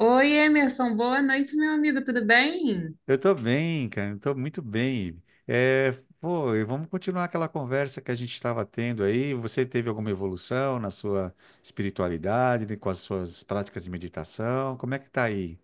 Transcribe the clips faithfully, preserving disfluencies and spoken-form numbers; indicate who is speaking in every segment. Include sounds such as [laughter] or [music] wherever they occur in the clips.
Speaker 1: Oi, Emerson, boa noite, meu amigo, tudo bem?
Speaker 2: Eu tô bem, cara. Eu tô muito bem. É, pô, e vamos continuar aquela conversa que a gente estava tendo aí. Você teve alguma evolução na sua espiritualidade, né, com as suas práticas de meditação? Como é que tá aí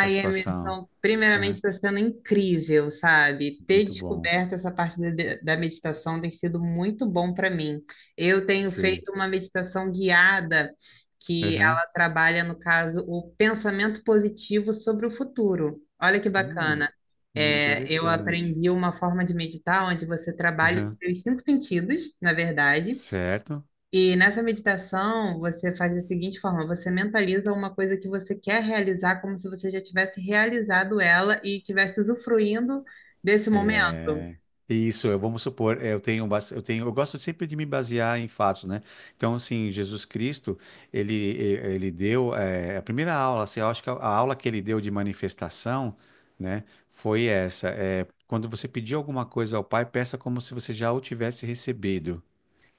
Speaker 2: a situação?
Speaker 1: Emerson, primeiramente
Speaker 2: Aham.
Speaker 1: está sendo incrível, sabe? Ter
Speaker 2: Muito bom.
Speaker 1: descoberto essa parte da da meditação tem sido muito bom para mim. Eu tenho
Speaker 2: Sei.
Speaker 1: feito uma meditação guiada que
Speaker 2: Aham.
Speaker 1: ela trabalha, no caso, o pensamento positivo sobre o futuro. Olha que
Speaker 2: Hum,
Speaker 1: bacana. É, eu
Speaker 2: interessante.
Speaker 1: aprendi uma forma de meditar onde você trabalha os
Speaker 2: Aham.
Speaker 1: seus cinco sentidos, na verdade.
Speaker 2: Certo.
Speaker 1: E nessa meditação, você faz da seguinte forma: você mentaliza uma coisa que você quer realizar, como se você já tivesse realizado ela e tivesse usufruindo desse momento.
Speaker 2: É, isso, eu vamos supor, é, eu tenho, bas- eu tenho, eu gosto sempre de me basear em fatos, né? Então, assim, Jesus Cristo, ele, e- ele deu, eh, a primeira aula, assim, eu acho que a, a aula que ele deu de manifestação, né, foi essa, é, quando você pedir alguma coisa ao Pai, peça como se você já o tivesse recebido.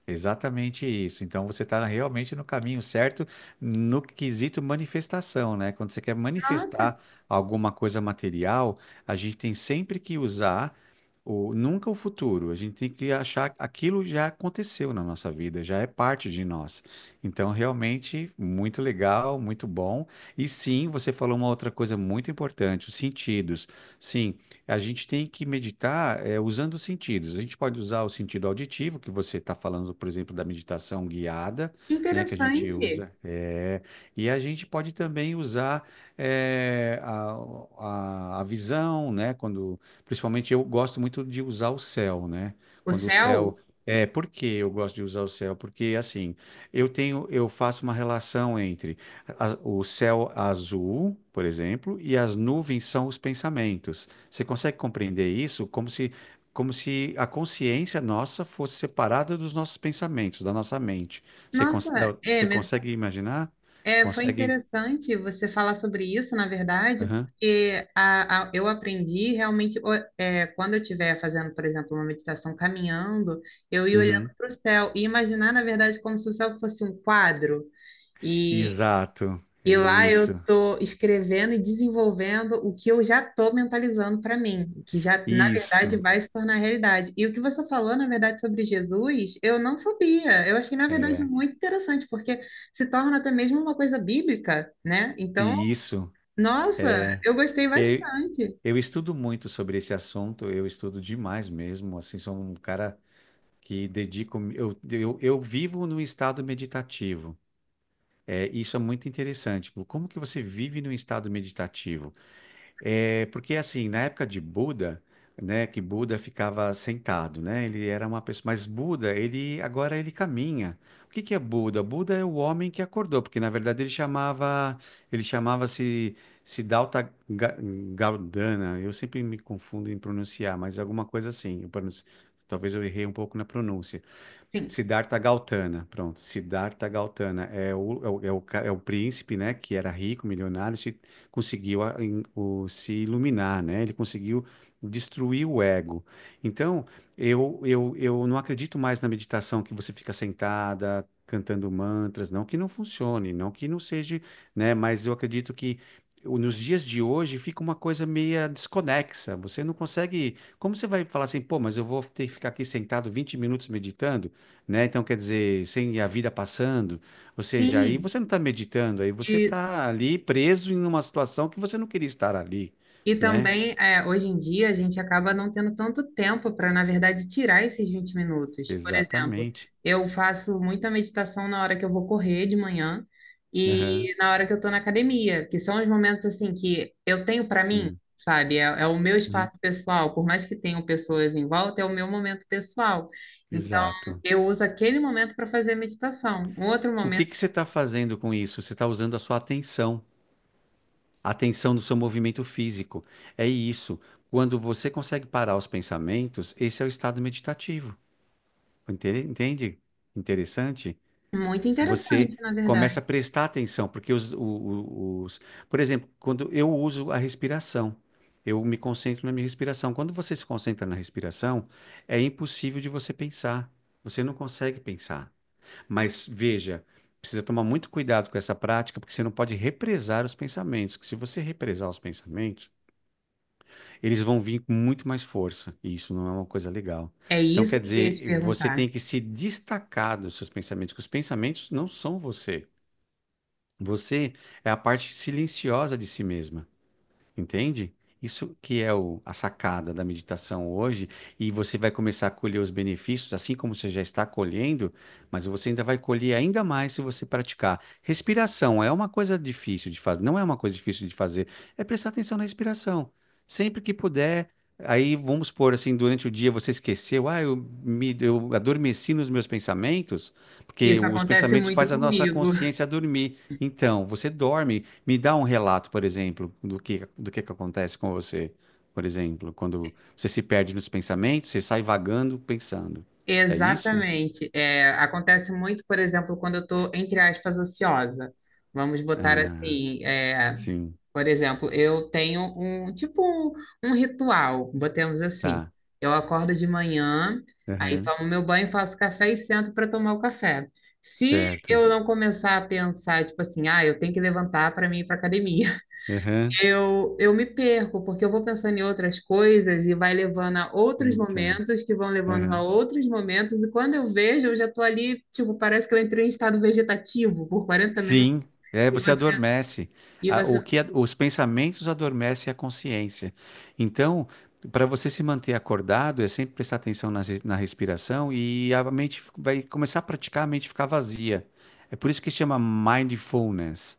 Speaker 2: Exatamente isso. Então você está realmente no caminho certo no quesito manifestação, né? Quando você quer
Speaker 1: Nossa,
Speaker 2: manifestar alguma coisa material, a gente tem sempre que usar o nunca o futuro. A gente tem que achar aquilo já aconteceu na nossa vida, já é parte de nós. Então realmente muito legal, muito bom. E sim, você falou uma outra coisa muito importante, os sentidos. Sim, a gente tem que meditar é, usando os sentidos. A gente pode usar o sentido auditivo, que você está falando, por exemplo, da meditação guiada,
Speaker 1: que
Speaker 2: né, que a gente
Speaker 1: interessante!
Speaker 2: usa. é, e a gente pode também usar é, a, a, a visão, né, quando, principalmente eu gosto muito de usar o céu, né,
Speaker 1: O
Speaker 2: quando o
Speaker 1: céu?
Speaker 2: céu é, por que eu gosto de usar o céu? Porque assim, eu tenho, eu faço uma relação entre a- o céu azul, por exemplo, e as nuvens são os pensamentos. Você consegue compreender isso como se, como se a consciência nossa fosse separada dos nossos pensamentos, da nossa mente. Você, cons-
Speaker 1: Nossa,
Speaker 2: da- você
Speaker 1: Emerson,
Speaker 2: consegue imaginar?
Speaker 1: é, foi
Speaker 2: Consegue?
Speaker 1: interessante você falar sobre isso, na verdade,
Speaker 2: Aham,
Speaker 1: porque a, a- eu aprendi realmente, o- é, quando eu estiver fazendo, por exemplo, uma meditação caminhando, eu ir olhando
Speaker 2: uhum.
Speaker 1: para o céu e imaginar, na verdade, como se o céu fosse um quadro.
Speaker 2: Exato.
Speaker 1: E lá eu
Speaker 2: Isso.
Speaker 1: estou escrevendo e desenvolvendo o que eu já estou mentalizando para mim, o que já, na verdade,
Speaker 2: Isso.
Speaker 1: vai se tornar realidade. E o que você falou, na verdade, sobre Jesus, eu não sabia. Eu achei, na verdade,
Speaker 2: É.
Speaker 1: muito interessante, porque se torna até mesmo uma coisa bíblica, né?
Speaker 2: E
Speaker 1: Então,
Speaker 2: isso.
Speaker 1: nossa, eu gostei
Speaker 2: Eu,
Speaker 1: bastante.
Speaker 2: eu estudo muito sobre esse assunto, eu estudo demais mesmo. Assim, sou um cara que dedico. Eu, eu, eu vivo num estado meditativo. É, isso é muito interessante. Como que você vive num estado meditativo? É, porque assim, na época de Buda, né, que Buda ficava sentado, né? Ele era uma pessoa, mas Buda, ele agora ele caminha. O que que é Buda? Buda é o homem que acordou, porque na verdade ele chamava, ele chamava-se Siddhartha Ga- Gaudana. Eu sempre me confundo em pronunciar, mas alguma coisa assim. Eu pronuncio- talvez eu errei um pouco na pronúncia.
Speaker 1: Sim,
Speaker 2: Siddhartha Gautama, pronto. Siddhartha Gautama é o, é o, é o, ca- é o príncipe, né, que era rico, milionário, se conseguiu a- em- o- se iluminar, né? Ele conseguiu destruir o ego. Então, eu, eu, eu não acredito mais na meditação que você fica sentada cantando mantras, não que não funcione, não que não seja, né, mas eu acredito que o- Nos dias de hoje fica uma coisa meia desconexa. Você não consegue. Como você vai falar assim, pô, mas eu vou ter que ficar aqui sentado vinte minutos meditando? Né? Então, quer dizer, sem a vida passando, ou seja, aí
Speaker 1: sim.
Speaker 2: você não está meditando, aí você
Speaker 1: E
Speaker 2: está ali preso em uma situação que você não queria estar ali,
Speaker 1: E
Speaker 2: né?
Speaker 1: também, é, hoje em dia, a gente acaba não tendo tanto tempo para, na verdade, tirar esses vinte minutos. Por exemplo,
Speaker 2: Exatamente.
Speaker 1: eu faço muita meditação na hora que eu vou correr de manhã
Speaker 2: Aham.
Speaker 1: e na hora que eu estou na academia, que são os momentos assim que eu tenho para mim,
Speaker 2: Sim.
Speaker 1: sabe? É, é o meu
Speaker 2: Uhum.
Speaker 1: espaço pessoal, por mais que tenham pessoas em volta, é o meu momento pessoal. Então,
Speaker 2: Exato.
Speaker 1: eu uso aquele momento para fazer a meditação. Um outro
Speaker 2: O
Speaker 1: momento
Speaker 2: que que você está fazendo com isso? Você está usando a sua atenção, a atenção do seu movimento físico. É isso. Quando você consegue parar os pensamentos, esse é o estado meditativo. Entende? Entende? Interessante?
Speaker 1: muito
Speaker 2: Você
Speaker 1: interessante, na
Speaker 2: começa
Speaker 1: verdade.
Speaker 2: a prestar atenção, porque os, o- o- os, por exemplo, quando eu uso a respiração, eu me concentro na minha respiração. Quando você se concentra na respiração, é impossível de você pensar. Você não consegue pensar. Mas veja, precisa tomar muito cuidado com essa prática, porque você não pode represar os pensamentos, que se você represar os pensamentos, eles vão vir com muito mais força, e isso não é uma coisa legal.
Speaker 1: É
Speaker 2: Então, quer
Speaker 1: isso que eu ia te
Speaker 2: dizer, você
Speaker 1: perguntar.
Speaker 2: tem que se destacar dos seus pensamentos, que os pensamentos não são você. Você é a parte silenciosa de si mesma. Entende? Isso que é o- a sacada da meditação hoje, e você vai começar a colher os benefícios, assim como você já está colhendo, mas você ainda vai colher ainda mais se você praticar. Respiração é uma coisa difícil de fazer, não é uma coisa difícil de fazer, é prestar atenção na respiração. Sempre que puder, aí vamos supor assim, durante o dia você esqueceu, ah, eu, me, eu adormeci nos meus pensamentos, porque
Speaker 1: Isso
Speaker 2: os
Speaker 1: acontece
Speaker 2: pensamentos
Speaker 1: muito
Speaker 2: fazem a nossa
Speaker 1: comigo.
Speaker 2: consciência dormir. Então, você dorme. Me dá um relato, por exemplo, do que, do que que acontece com você, por exemplo, quando você se perde nos pensamentos, você sai vagando pensando. É isso?
Speaker 1: Exatamente. É, acontece muito, por exemplo, quando eu estou, entre aspas, ociosa. Vamos botar
Speaker 2: Ah,
Speaker 1: assim, é,
Speaker 2: sim,
Speaker 1: por exemplo, eu tenho um tipo um, um ritual, botemos assim.
Speaker 2: tá.
Speaker 1: Eu acordo de manhã, aí
Speaker 2: Aham,
Speaker 1: tomo meu banho, faço café e sento para tomar o café. Se
Speaker 2: certo.
Speaker 1: eu não começar a pensar, tipo assim, ah, eu tenho que levantar para mim ir para academia.
Speaker 2: Aham,
Speaker 1: Eu, eu me perco, porque eu vou pensando em outras coisas e vai levando a outros
Speaker 2: então.
Speaker 1: momentos, que vão levando a
Speaker 2: Aham.
Speaker 1: outros momentos, e quando eu vejo, eu já tô ali, tipo, parece que eu entrei em estado vegetativo por quarenta minutos,
Speaker 2: Sim, é,
Speaker 1: e
Speaker 2: você
Speaker 1: você,
Speaker 2: adormece.
Speaker 1: e
Speaker 2: A- O
Speaker 1: você,
Speaker 2: que a- os pensamentos adormecem a consciência. Então, para você se manter acordado, é sempre prestar atenção nas re- na, respiração e a mente fi- vai começar a praticar a mente ficar vazia. É por isso que chama mindfulness.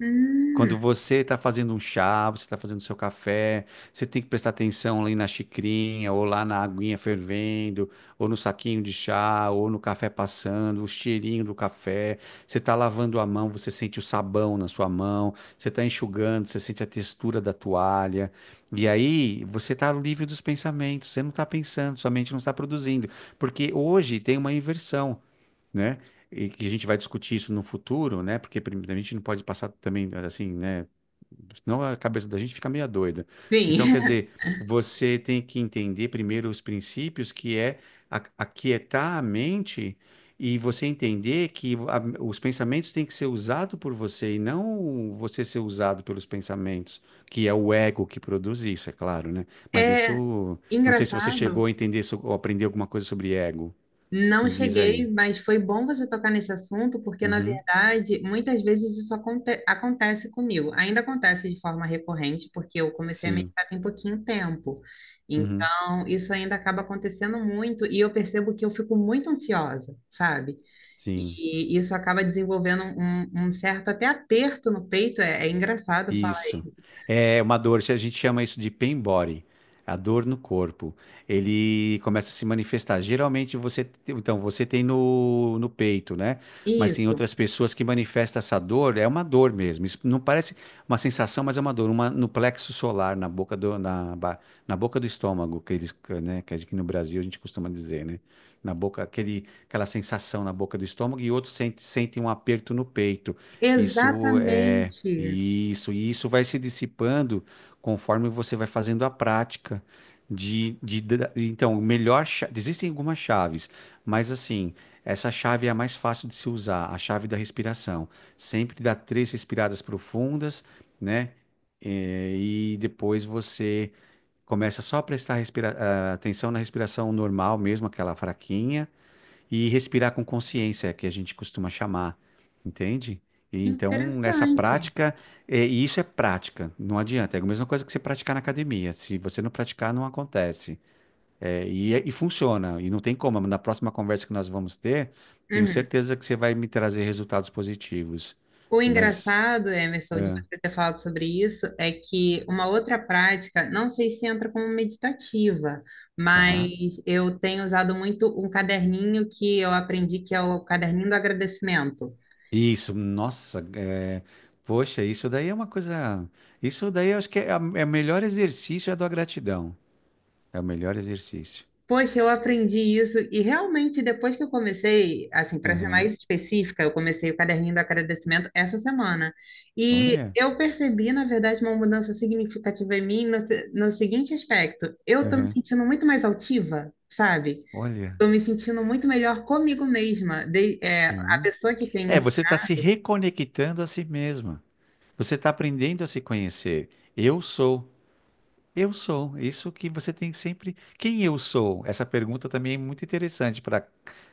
Speaker 1: hum,
Speaker 2: Quando você está fazendo um chá, você está fazendo seu café, você tem que prestar atenção ali na xicrinha, ou lá na aguinha fervendo, ou no saquinho de chá, ou no café passando, o cheirinho do café. Você está lavando a mão, você sente o sabão na sua mão, você está enxugando, você sente a textura da toalha. E aí você está livre dos pensamentos, você não está pensando, sua mente não está produzindo. Porque hoje tem uma inversão, né? E que a gente vai discutir isso no futuro, né? Porque prim- a gente não pode passar também assim, né? Senão a cabeça da gente fica meio doida. Então,
Speaker 1: sim,
Speaker 2: quer
Speaker 1: [laughs]
Speaker 2: dizer, você tem que entender primeiro os princípios, que é a- aquietar a mente e você entender que a- os pensamentos têm que ser usados por você e não você ser usado pelos pensamentos, que é o ego que produz isso, é claro, né? Mas
Speaker 1: é
Speaker 2: isso, não sei se você
Speaker 1: engraçado.
Speaker 2: chegou a entender so- ou aprender alguma coisa sobre ego.
Speaker 1: Não
Speaker 2: Me diz
Speaker 1: cheguei,
Speaker 2: aí.
Speaker 1: mas foi bom você tocar nesse assunto, porque, na
Speaker 2: Uhum.
Speaker 1: verdade, muitas vezes isso aconte- acontece comigo. Ainda acontece de forma recorrente, porque eu comecei a
Speaker 2: Sim.
Speaker 1: meditar tem pouquinho tempo.
Speaker 2: Uhum.
Speaker 1: Então, isso ainda acaba acontecendo muito e eu percebo que eu fico muito ansiosa, sabe?
Speaker 2: Sim.
Speaker 1: E isso acaba desenvolvendo um, um certo até aperto no peito. É, é engraçado falar
Speaker 2: Isso.
Speaker 1: isso.
Speaker 2: É uma dor, a gente chama isso de pain body, a dor no corpo. Ele começa a se manifestar. Geralmente você, então você tem no, no peito, né? Mas tem
Speaker 1: Isso,
Speaker 2: outras pessoas que manifestam essa dor, é uma dor mesmo. Isso não parece uma sensação, mas é uma dor, uma no plexo solar, na boca do, na, ba- na boca do estômago, que eles, né, que aqui no Brasil a gente costuma dizer, né? Na boca, aquele, aquela sensação na boca do estômago e outros sentem, sentem, um aperto no peito. Isso é
Speaker 1: exatamente.
Speaker 2: isso, e isso vai se dissipando conforme você vai fazendo a prática de, de, da- então, melhor, cha- existem algumas chaves, mas assim, essa chave é a mais fácil de se usar, a chave da respiração. Sempre dá três respiradas profundas, né? Eh, E, depois você começa só a prestar respira- ah, atenção na respiração normal mesmo, aquela fraquinha, e respirar com consciência, que a gente costuma chamar, entende? E então, essa
Speaker 1: Interessante.
Speaker 2: prática, é, e isso é prática, não adianta. É a mesma coisa que você praticar na academia. Se você não praticar, não acontece. É, e, é, e funciona, e não tem como. Na próxima conversa que nós vamos ter, tenho
Speaker 1: Uhum.
Speaker 2: certeza que você vai me trazer resultados positivos.
Speaker 1: O
Speaker 2: Mas,
Speaker 1: engraçado, Emerson, de
Speaker 2: é,
Speaker 1: você ter falado sobre isso, é que uma outra prática, não sei se entra como meditativa,
Speaker 2: tá.
Speaker 1: mas eu tenho usado muito um caderninho que eu aprendi, que é o caderninho do agradecimento.
Speaker 2: Isso, nossa, é, poxa, isso daí é uma coisa. Isso daí eu acho que é, a- é o melhor exercício é a da gratidão. É o melhor exercício.
Speaker 1: Poxa, eu aprendi isso e realmente depois que eu comecei, assim, para ser
Speaker 2: Aham.
Speaker 1: mais específica, eu comecei o caderninho do agradecimento essa semana. E
Speaker 2: Olha,
Speaker 1: eu percebi, na verdade, uma mudança significativa em mim no, se- no seguinte aspecto: eu estou me
Speaker 2: aham.
Speaker 1: sentindo muito mais altiva, sabe?
Speaker 2: Olha,
Speaker 1: Estou me sentindo muito melhor comigo mesma. De- é, a
Speaker 2: sim.
Speaker 1: pessoa que tem me
Speaker 2: É, você está se
Speaker 1: ensinado,
Speaker 2: reconectando a si mesma. Você está aprendendo a se conhecer. Eu sou, eu sou. Isso que você tem que sempre. Quem eu sou? Essa pergunta também é muito interessante para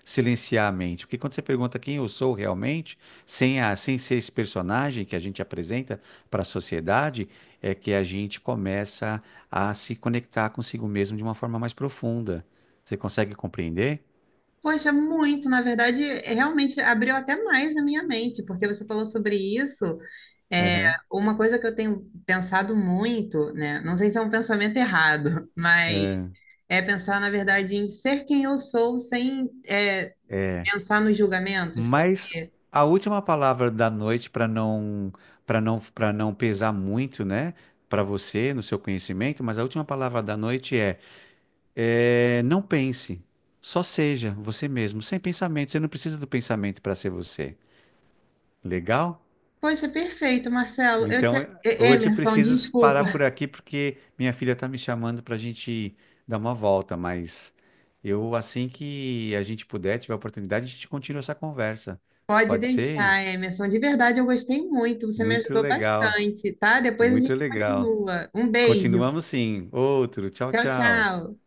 Speaker 2: silenciar a mente, porque quando você pergunta quem eu sou realmente, sem a, sem ser esse personagem que a gente apresenta para a sociedade, é que a gente começa a se conectar consigo mesmo de uma forma mais profunda. Você consegue compreender?
Speaker 1: poxa, muito, na verdade, é, realmente abriu até mais a minha mente, porque você falou sobre isso. É,
Speaker 2: Aham.
Speaker 1: uma coisa que eu tenho pensado muito, né? Não sei se é um pensamento errado, [laughs] mas é pensar, na verdade, em ser quem eu sou sem, é,
Speaker 2: É,
Speaker 1: pensar nos julgamentos,
Speaker 2: mas
Speaker 1: porque,
Speaker 2: a última palavra da noite para não para não para não pesar muito, né, para você no seu conhecimento, mas a última palavra da noite é, é, não pense, só seja você mesmo, sem pensamento. Você não precisa do pensamento para ser você. Legal?
Speaker 1: poxa, perfeito, Marcelo. Eu te...
Speaker 2: Então, eh, hoje eu
Speaker 1: Emerson,
Speaker 2: preciso parar
Speaker 1: desculpa.
Speaker 2: por aqui porque minha filha está me chamando para a gente dar uma volta, mas eu assim que a gente puder, tiver a oportunidade, a gente continua essa conversa.
Speaker 1: Pode
Speaker 2: Pode ser?
Speaker 1: deixar, Emerson. De verdade, eu gostei muito. Você me
Speaker 2: Muito
Speaker 1: ajudou
Speaker 2: legal,
Speaker 1: bastante, tá? Depois a
Speaker 2: muito
Speaker 1: gente
Speaker 2: legal.
Speaker 1: continua. Um beijo.
Speaker 2: Continuamos sim. Outro, tchau,
Speaker 1: Tchau,
Speaker 2: tchau.
Speaker 1: tchau.